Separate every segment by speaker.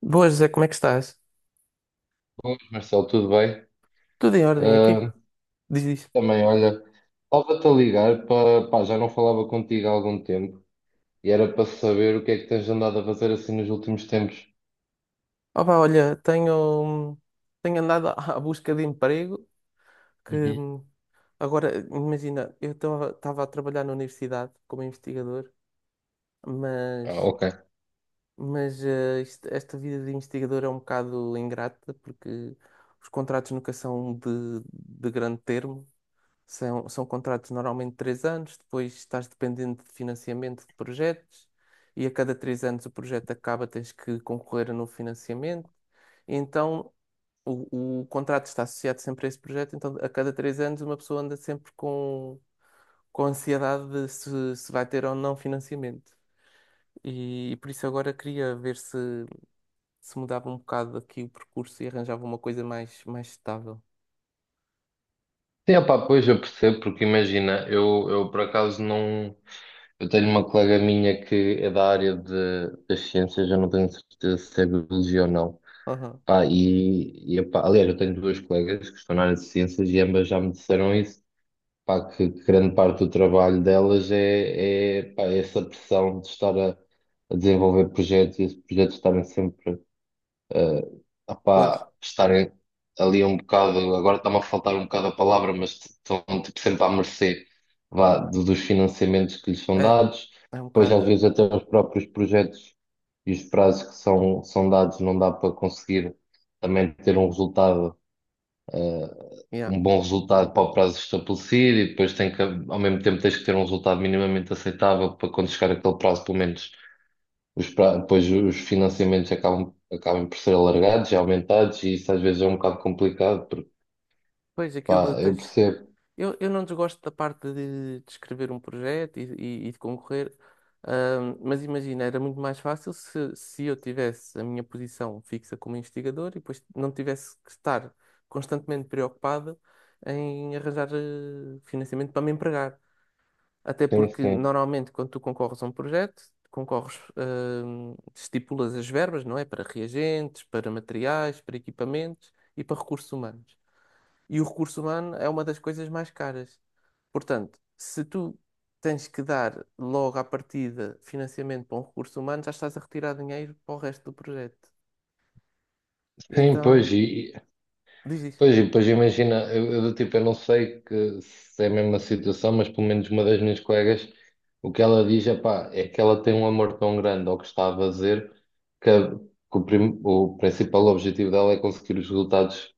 Speaker 1: Boas, José, como é que estás?
Speaker 2: Boas, Marcelo, tudo bem?
Speaker 1: Tudo em ordem aqui?
Speaker 2: Ah,
Speaker 1: Diz isso.
Speaker 2: também, olha, estava-te a ligar para, pá, já não falava contigo há algum tempo e era para saber o que é que tens andado a fazer assim nos últimos tempos.
Speaker 1: Opa, olha, tenho andado à busca de emprego que
Speaker 2: Uhum.
Speaker 1: agora, imagina, eu estava a trabalhar na universidade como investigador,
Speaker 2: Ah,
Speaker 1: mas,
Speaker 2: ok.
Speaker 1: mas esta vida de investigador é um bocado ingrata porque os contratos nunca são de grande termo. São contratos normalmente de 3 anos, depois estás dependente de financiamento de projetos e a cada 3 anos o projeto acaba, tens que concorrer a novo financiamento. Então o contrato está associado sempre a esse projeto, então a cada 3 anos uma pessoa anda sempre com ansiedade de se vai ter ou não financiamento. E por isso agora queria ver se, se mudava um bocado aqui o percurso e arranjava uma coisa mais, mais estável.
Speaker 2: Sim, opá, pois eu percebo, porque imagina, eu por acaso não. Eu tenho uma colega minha que é da área de, das ciências, eu não tenho certeza se é biologia ou não.
Speaker 1: Aham.
Speaker 2: Pá, epá, aliás, eu tenho duas colegas que estão na área de ciências e ambas já me disseram isso. Pá, que grande parte do trabalho delas é essa pressão de estar a desenvolver projetos e esses projetos estarem sempre eh,
Speaker 1: Pois,
Speaker 2: estarem ali um bocado, agora está-me a faltar um bocado a palavra, mas estão tipo, sempre à mercê vá, dos financiamentos que lhes são
Speaker 1: é,
Speaker 2: dados.
Speaker 1: é um
Speaker 2: Depois
Speaker 1: bocado.
Speaker 2: às vezes até os próprios projetos e os prazos que são dados não dá para conseguir também ter um resultado eh,
Speaker 1: Yeah.
Speaker 2: um bom resultado para o prazo estabelecido, e depois tem que, ao mesmo tempo tens que ter um resultado minimamente aceitável para quando chegar aquele prazo, pelo menos depois os financiamentos acabam, acabam por ser alargados e aumentados, e isso às vezes é um bocado complicado porque
Speaker 1: Pois, aquilo de
Speaker 2: pá, eu
Speaker 1: tens...
Speaker 2: percebo.
Speaker 1: Eu não desgosto da parte de escrever um projeto e de concorrer, mas imagina, era muito mais fácil se, se eu tivesse a minha posição fixa como investigador e depois não tivesse que estar constantemente preocupado em arranjar financiamento para me empregar. Até
Speaker 2: Sim,
Speaker 1: porque,
Speaker 2: sim.
Speaker 1: normalmente, quando tu concorres a um projeto, concorres, estipulas as verbas, não é? Para reagentes, para materiais, para equipamentos e para recursos humanos. E o recurso humano é uma das coisas mais caras. Portanto, se tu tens que dar logo à partida financiamento para um recurso humano, já estás a retirar dinheiro para o resto do projeto.
Speaker 2: Sim, pois,
Speaker 1: Então,
Speaker 2: e,
Speaker 1: diz isso.
Speaker 2: pois, e depois imagina, eu do tipo, eu não sei que, se é a mesma situação, mas pelo menos uma das minhas colegas, o que ela diz é pá, é que ela tem um amor tão grande ao que está a fazer que, que o principal objetivo dela é conseguir os resultados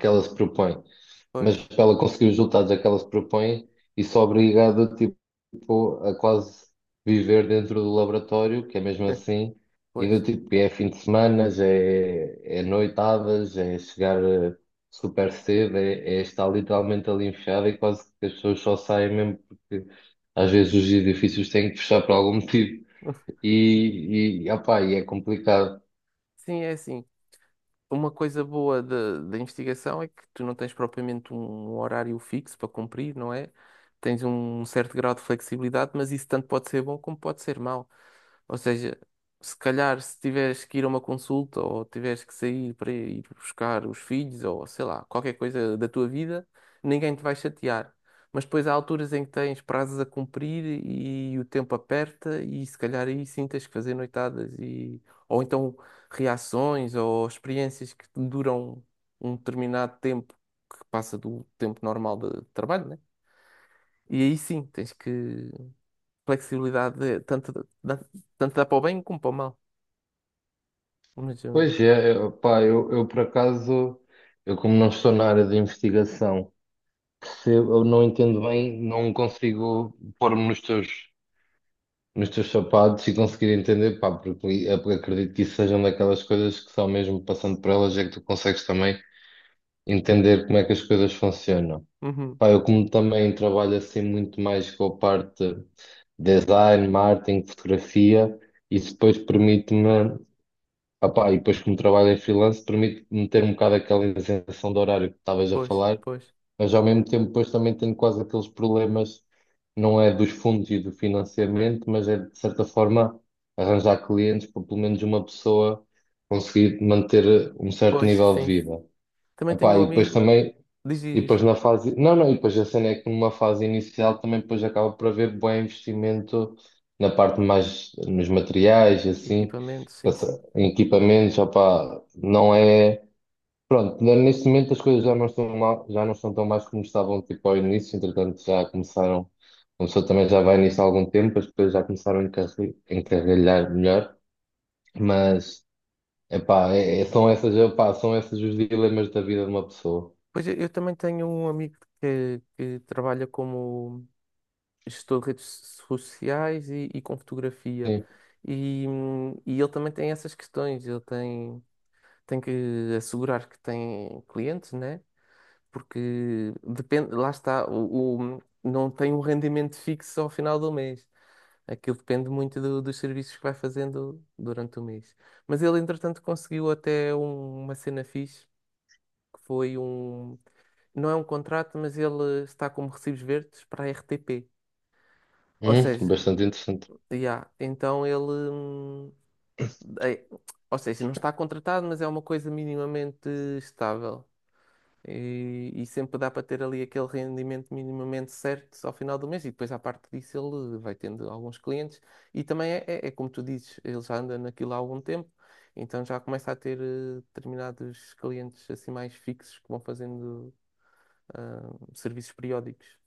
Speaker 2: que ela se propõe,
Speaker 1: Pois.
Speaker 2: mas para ela conseguir os resultados a que ela se propõe, isso obriga tipo, a quase viver dentro do laboratório, que é mesmo assim, e do
Speaker 1: Pois.
Speaker 2: tipo, é fim de semana, é noitadas, é chegar super cedo, é estar literalmente ali enfiado e quase que as pessoas só saem mesmo porque às vezes os edifícios têm que fechar por algum motivo e opá, e é complicado.
Speaker 1: Sim, é assim. Uma coisa boa da investigação é que tu não tens propriamente um horário fixo para cumprir, não é? Tens um certo grau de flexibilidade, mas isso tanto pode ser bom como pode ser mau. Ou seja, se calhar se tiveres que ir a uma consulta ou tiveres que sair para ir buscar os filhos ou sei lá, qualquer coisa da tua vida, ninguém te vai chatear. Mas depois há alturas em que tens prazos a cumprir e o tempo aperta e se calhar aí sim tens que fazer noitadas e ou então reações ou experiências que duram um determinado tempo que passa do tempo normal de trabalho, né? E aí sim, tens que flexibilidade dá, tanto dá para o bem como para o mal. Mas,
Speaker 2: Pois é, opá, eu por acaso, eu como não estou na área de investigação, percebo, eu não entendo bem, não consigo pôr-me nos teus sapatos e conseguir entender, pá, porque eu acredito que isso sejam daquelas coisas que só mesmo passando por elas é que tu consegues também entender como é que as coisas funcionam.
Speaker 1: uhum,
Speaker 2: Pá, eu como também trabalho assim muito mais com a parte de design, marketing, fotografia, isso depois permite-me, ah pá, e depois como trabalho em freelance, permite-me ter um bocado aquela isenção de horário que estavas a
Speaker 1: pois,
Speaker 2: falar,
Speaker 1: pois,
Speaker 2: mas ao mesmo tempo depois também tenho quase aqueles problemas, não é dos fundos e do financiamento, mas é de certa forma arranjar clientes para pelo menos uma pessoa conseguir manter um certo
Speaker 1: pois,
Speaker 2: nível de
Speaker 1: sim.
Speaker 2: vida.
Speaker 1: Também tenho
Speaker 2: Epá,
Speaker 1: um
Speaker 2: e depois
Speaker 1: amigo,
Speaker 2: também,
Speaker 1: diz, diz,
Speaker 2: e depois
Speaker 1: diz.
Speaker 2: na fase, não, não, e depois a cena é que numa fase inicial também depois acaba por haver bom investimento na parte mais, nos materiais, assim,
Speaker 1: Equipamento, sim, sim.
Speaker 2: em equipamentos, opá, não é. Pronto, né, neste momento as coisas já não estão mal, já não estão tão mais como estavam tipo ao início, entretanto já começaram, começou também já vai nisso há algum tempo, as coisas já começaram a encarrilhar melhor, mas epá, são essas, epá, são esses os dilemas da vida de uma pessoa.
Speaker 1: Pois eu também tenho um amigo que trabalha como gestor de redes sociais e com fotografia.
Speaker 2: Sim.
Speaker 1: E e ele também tem essas questões, ele tem, tem que assegurar que tem clientes, né? Porque depende, lá está, o não tem um rendimento fixo ao final do mês. Aquilo depende muito do- dos serviços que vai fazendo durante o mês. Mas ele, entretanto, conseguiu até um- uma cena fixe, que foi um. Não é um contrato, mas ele está como recibos verdes para a RTP. Ou seja,
Speaker 2: Bastante interessante.
Speaker 1: yeah. Então ele. hum, é- ou seja, não está contratado, mas é uma coisa minimamente estável. E sempre dá para ter ali aquele rendimento minimamente certo ao final do mês. E depois, à parte disso, ele vai tendo alguns clientes. E também é, é- é como tu dizes, ele já anda naquilo há algum tempo, então já começa a ter determinados clientes assim mais fixos que vão fazendo ah, serviços periódicos.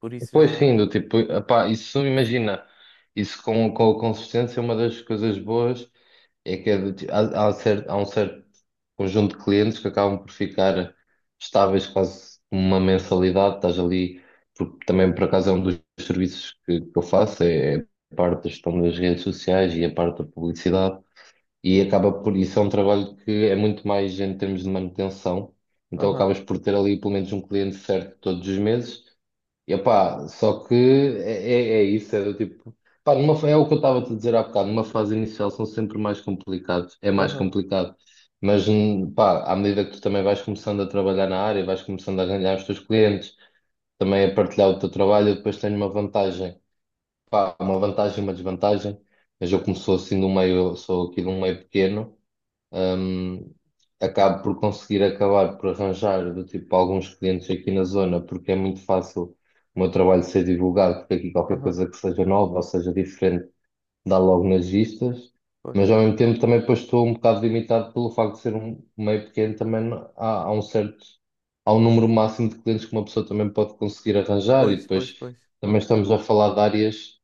Speaker 1: Por isso
Speaker 2: Pois sim,
Speaker 1: já.
Speaker 2: do tipo, epá, isso imagina, isso com a consistência, uma das coisas boas é que é há, há um certo conjunto de clientes que acabam por ficar estáveis quase como uma mensalidade, estás ali, porque também por acaso é um dos serviços que eu faço, é é a parte da gestão das redes sociais e a parte da publicidade, e acaba por isso é um trabalho que é muito mais em termos de manutenção, então
Speaker 1: Aham,
Speaker 2: acabas por ter ali pelo menos um cliente certo todos os meses. E opá, só que é isso, é do tipo. Pá, é o que eu estava a te dizer há bocado, numa fase inicial são sempre mais complicados, é mais
Speaker 1: aham,
Speaker 2: complicado. Mas pá, à medida que tu também vais começando a trabalhar na área, vais começando a ganhar os teus clientes, também a partilhar o teu trabalho, eu depois tenho uma vantagem. Pá, uma vantagem e uma desvantagem, mas eu como sou assim de um meio, eu sou aqui de um meio pequeno. Hum, acabo por conseguir acabar por arranjar do tipo alguns clientes aqui na zona, porque é muito fácil o meu trabalho ser divulgado, porque aqui qualquer
Speaker 1: aham.
Speaker 2: coisa que seja nova ou seja diferente dá logo nas vistas,
Speaker 1: Pois,
Speaker 2: mas ao mesmo tempo também depois estou um bocado limitado pelo facto de ser um meio pequeno, também há, há um certo, há um número máximo de clientes que uma pessoa também pode conseguir arranjar, e
Speaker 1: pois, pois,
Speaker 2: depois
Speaker 1: pois.
Speaker 2: também estamos a falar de áreas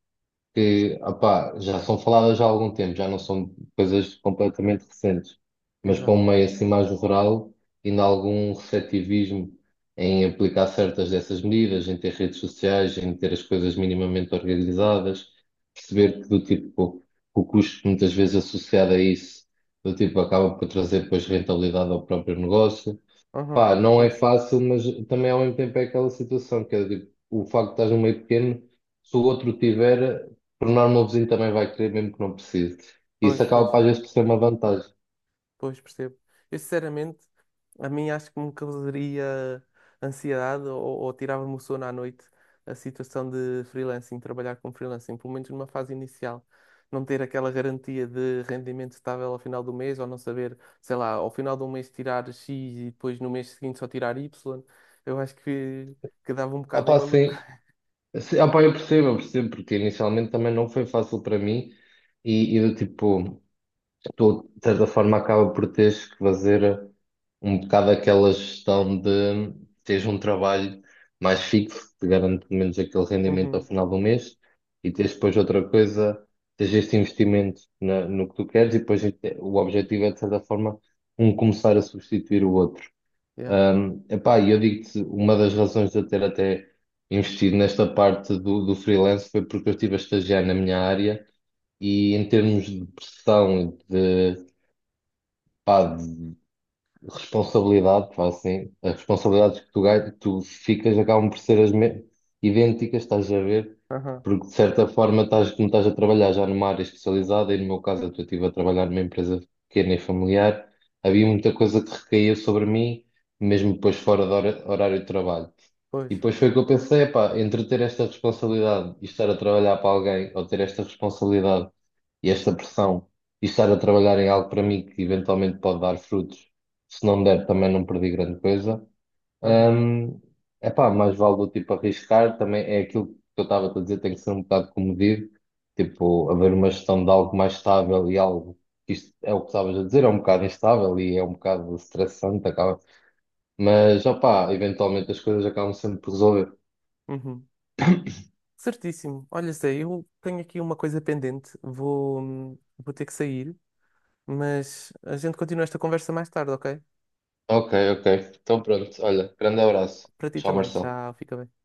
Speaker 2: que opá, já são faladas já há algum tempo, já não são coisas completamente recentes, mas para um
Speaker 1: Exato.
Speaker 2: meio assim mais rural, ainda há algum receptivismo em aplicar certas dessas medidas, em ter redes sociais, em ter as coisas minimamente organizadas, perceber que do tipo o custo muitas vezes associado a isso, do tipo acaba por trazer depois rentabilidade ao próprio negócio.
Speaker 1: Aham.
Speaker 2: Pá, não é
Speaker 1: Pois,
Speaker 2: fácil, mas também ao mesmo tempo é aquela situação, que é tipo, o facto de estás no meio pequeno, se o outro tiver, por norma o vizinho também vai querer, mesmo que não precise. Isso
Speaker 1: pois,
Speaker 2: acaba
Speaker 1: pois,
Speaker 2: para às vezes por ser uma vantagem.
Speaker 1: pois, percebo. Eu, sinceramente, a mim acho que me causaria ansiedade ou tirava-me o sono à noite a situação de freelancing, trabalhar com freelancing, pelo menos numa fase inicial. Não ter aquela garantia de rendimento estável ao final do mês, ou não saber, sei lá, ao final de um mês tirar X e depois no mês seguinte só tirar Y, eu acho que dava um
Speaker 2: Ah
Speaker 1: bocado em
Speaker 2: pá,
Speaker 1: maluco.
Speaker 2: sim, sim, ah pá, eu percebo, porque inicialmente também não foi fácil para mim, e do tipo, tu, de certa forma, acaba por teres que fazer um bocado aquela gestão de teres um trabalho mais fixo, que te garante pelo menos aquele rendimento ao
Speaker 1: Uhum,
Speaker 2: final do mês, e teres depois outra coisa, teres este investimento no que tu queres, e depois o objetivo é, de certa forma, um começar a substituir o outro.
Speaker 1: yeah,
Speaker 2: Um, epá, e eu digo-te, uma das razões de eu ter até investido nesta parte do freelance foi porque eu estive a estagiar na minha área e em termos de pressão, pá, de responsabilidade, pá, assim, as responsabilidades que tu ficas acabam por ser idênticas, estás a ver?
Speaker 1: aham,
Speaker 2: Porque de certa forma estás, como estás a trabalhar já numa área especializada, e no meu caso eu estive a trabalhar numa empresa pequena e familiar, havia muita coisa que recaía sobre mim, mesmo depois fora horário de trabalho.
Speaker 1: pois,
Speaker 2: E depois foi que eu pensei, pá, entre ter esta responsabilidade e estar a trabalhar para alguém, ou ter esta responsabilidade e esta pressão e estar a trabalhar em algo para mim que eventualmente pode dar frutos, se não der também não perdi grande coisa.
Speaker 1: aham,
Speaker 2: Hum, epá, mais vale do tipo arriscar, também é aquilo que eu estava a dizer, tem que ser um bocado comedido, tipo, haver uma gestão de algo mais estável e algo que isto é o que estavas a dizer, é um bocado instável e é um bocado estressante, acaba. Mas, opá, eventualmente as coisas acabam sempre por resolver.
Speaker 1: uhum. Certíssimo. Olha, Zé, eu tenho aqui uma coisa pendente. Vou ter que sair, mas a gente continua esta conversa mais tarde, ok?
Speaker 2: Ok, ok. Então pronto, olha, grande abraço.
Speaker 1: Para ti
Speaker 2: Tchau,
Speaker 1: também.
Speaker 2: Marcelo.
Speaker 1: Tchau, fica bem.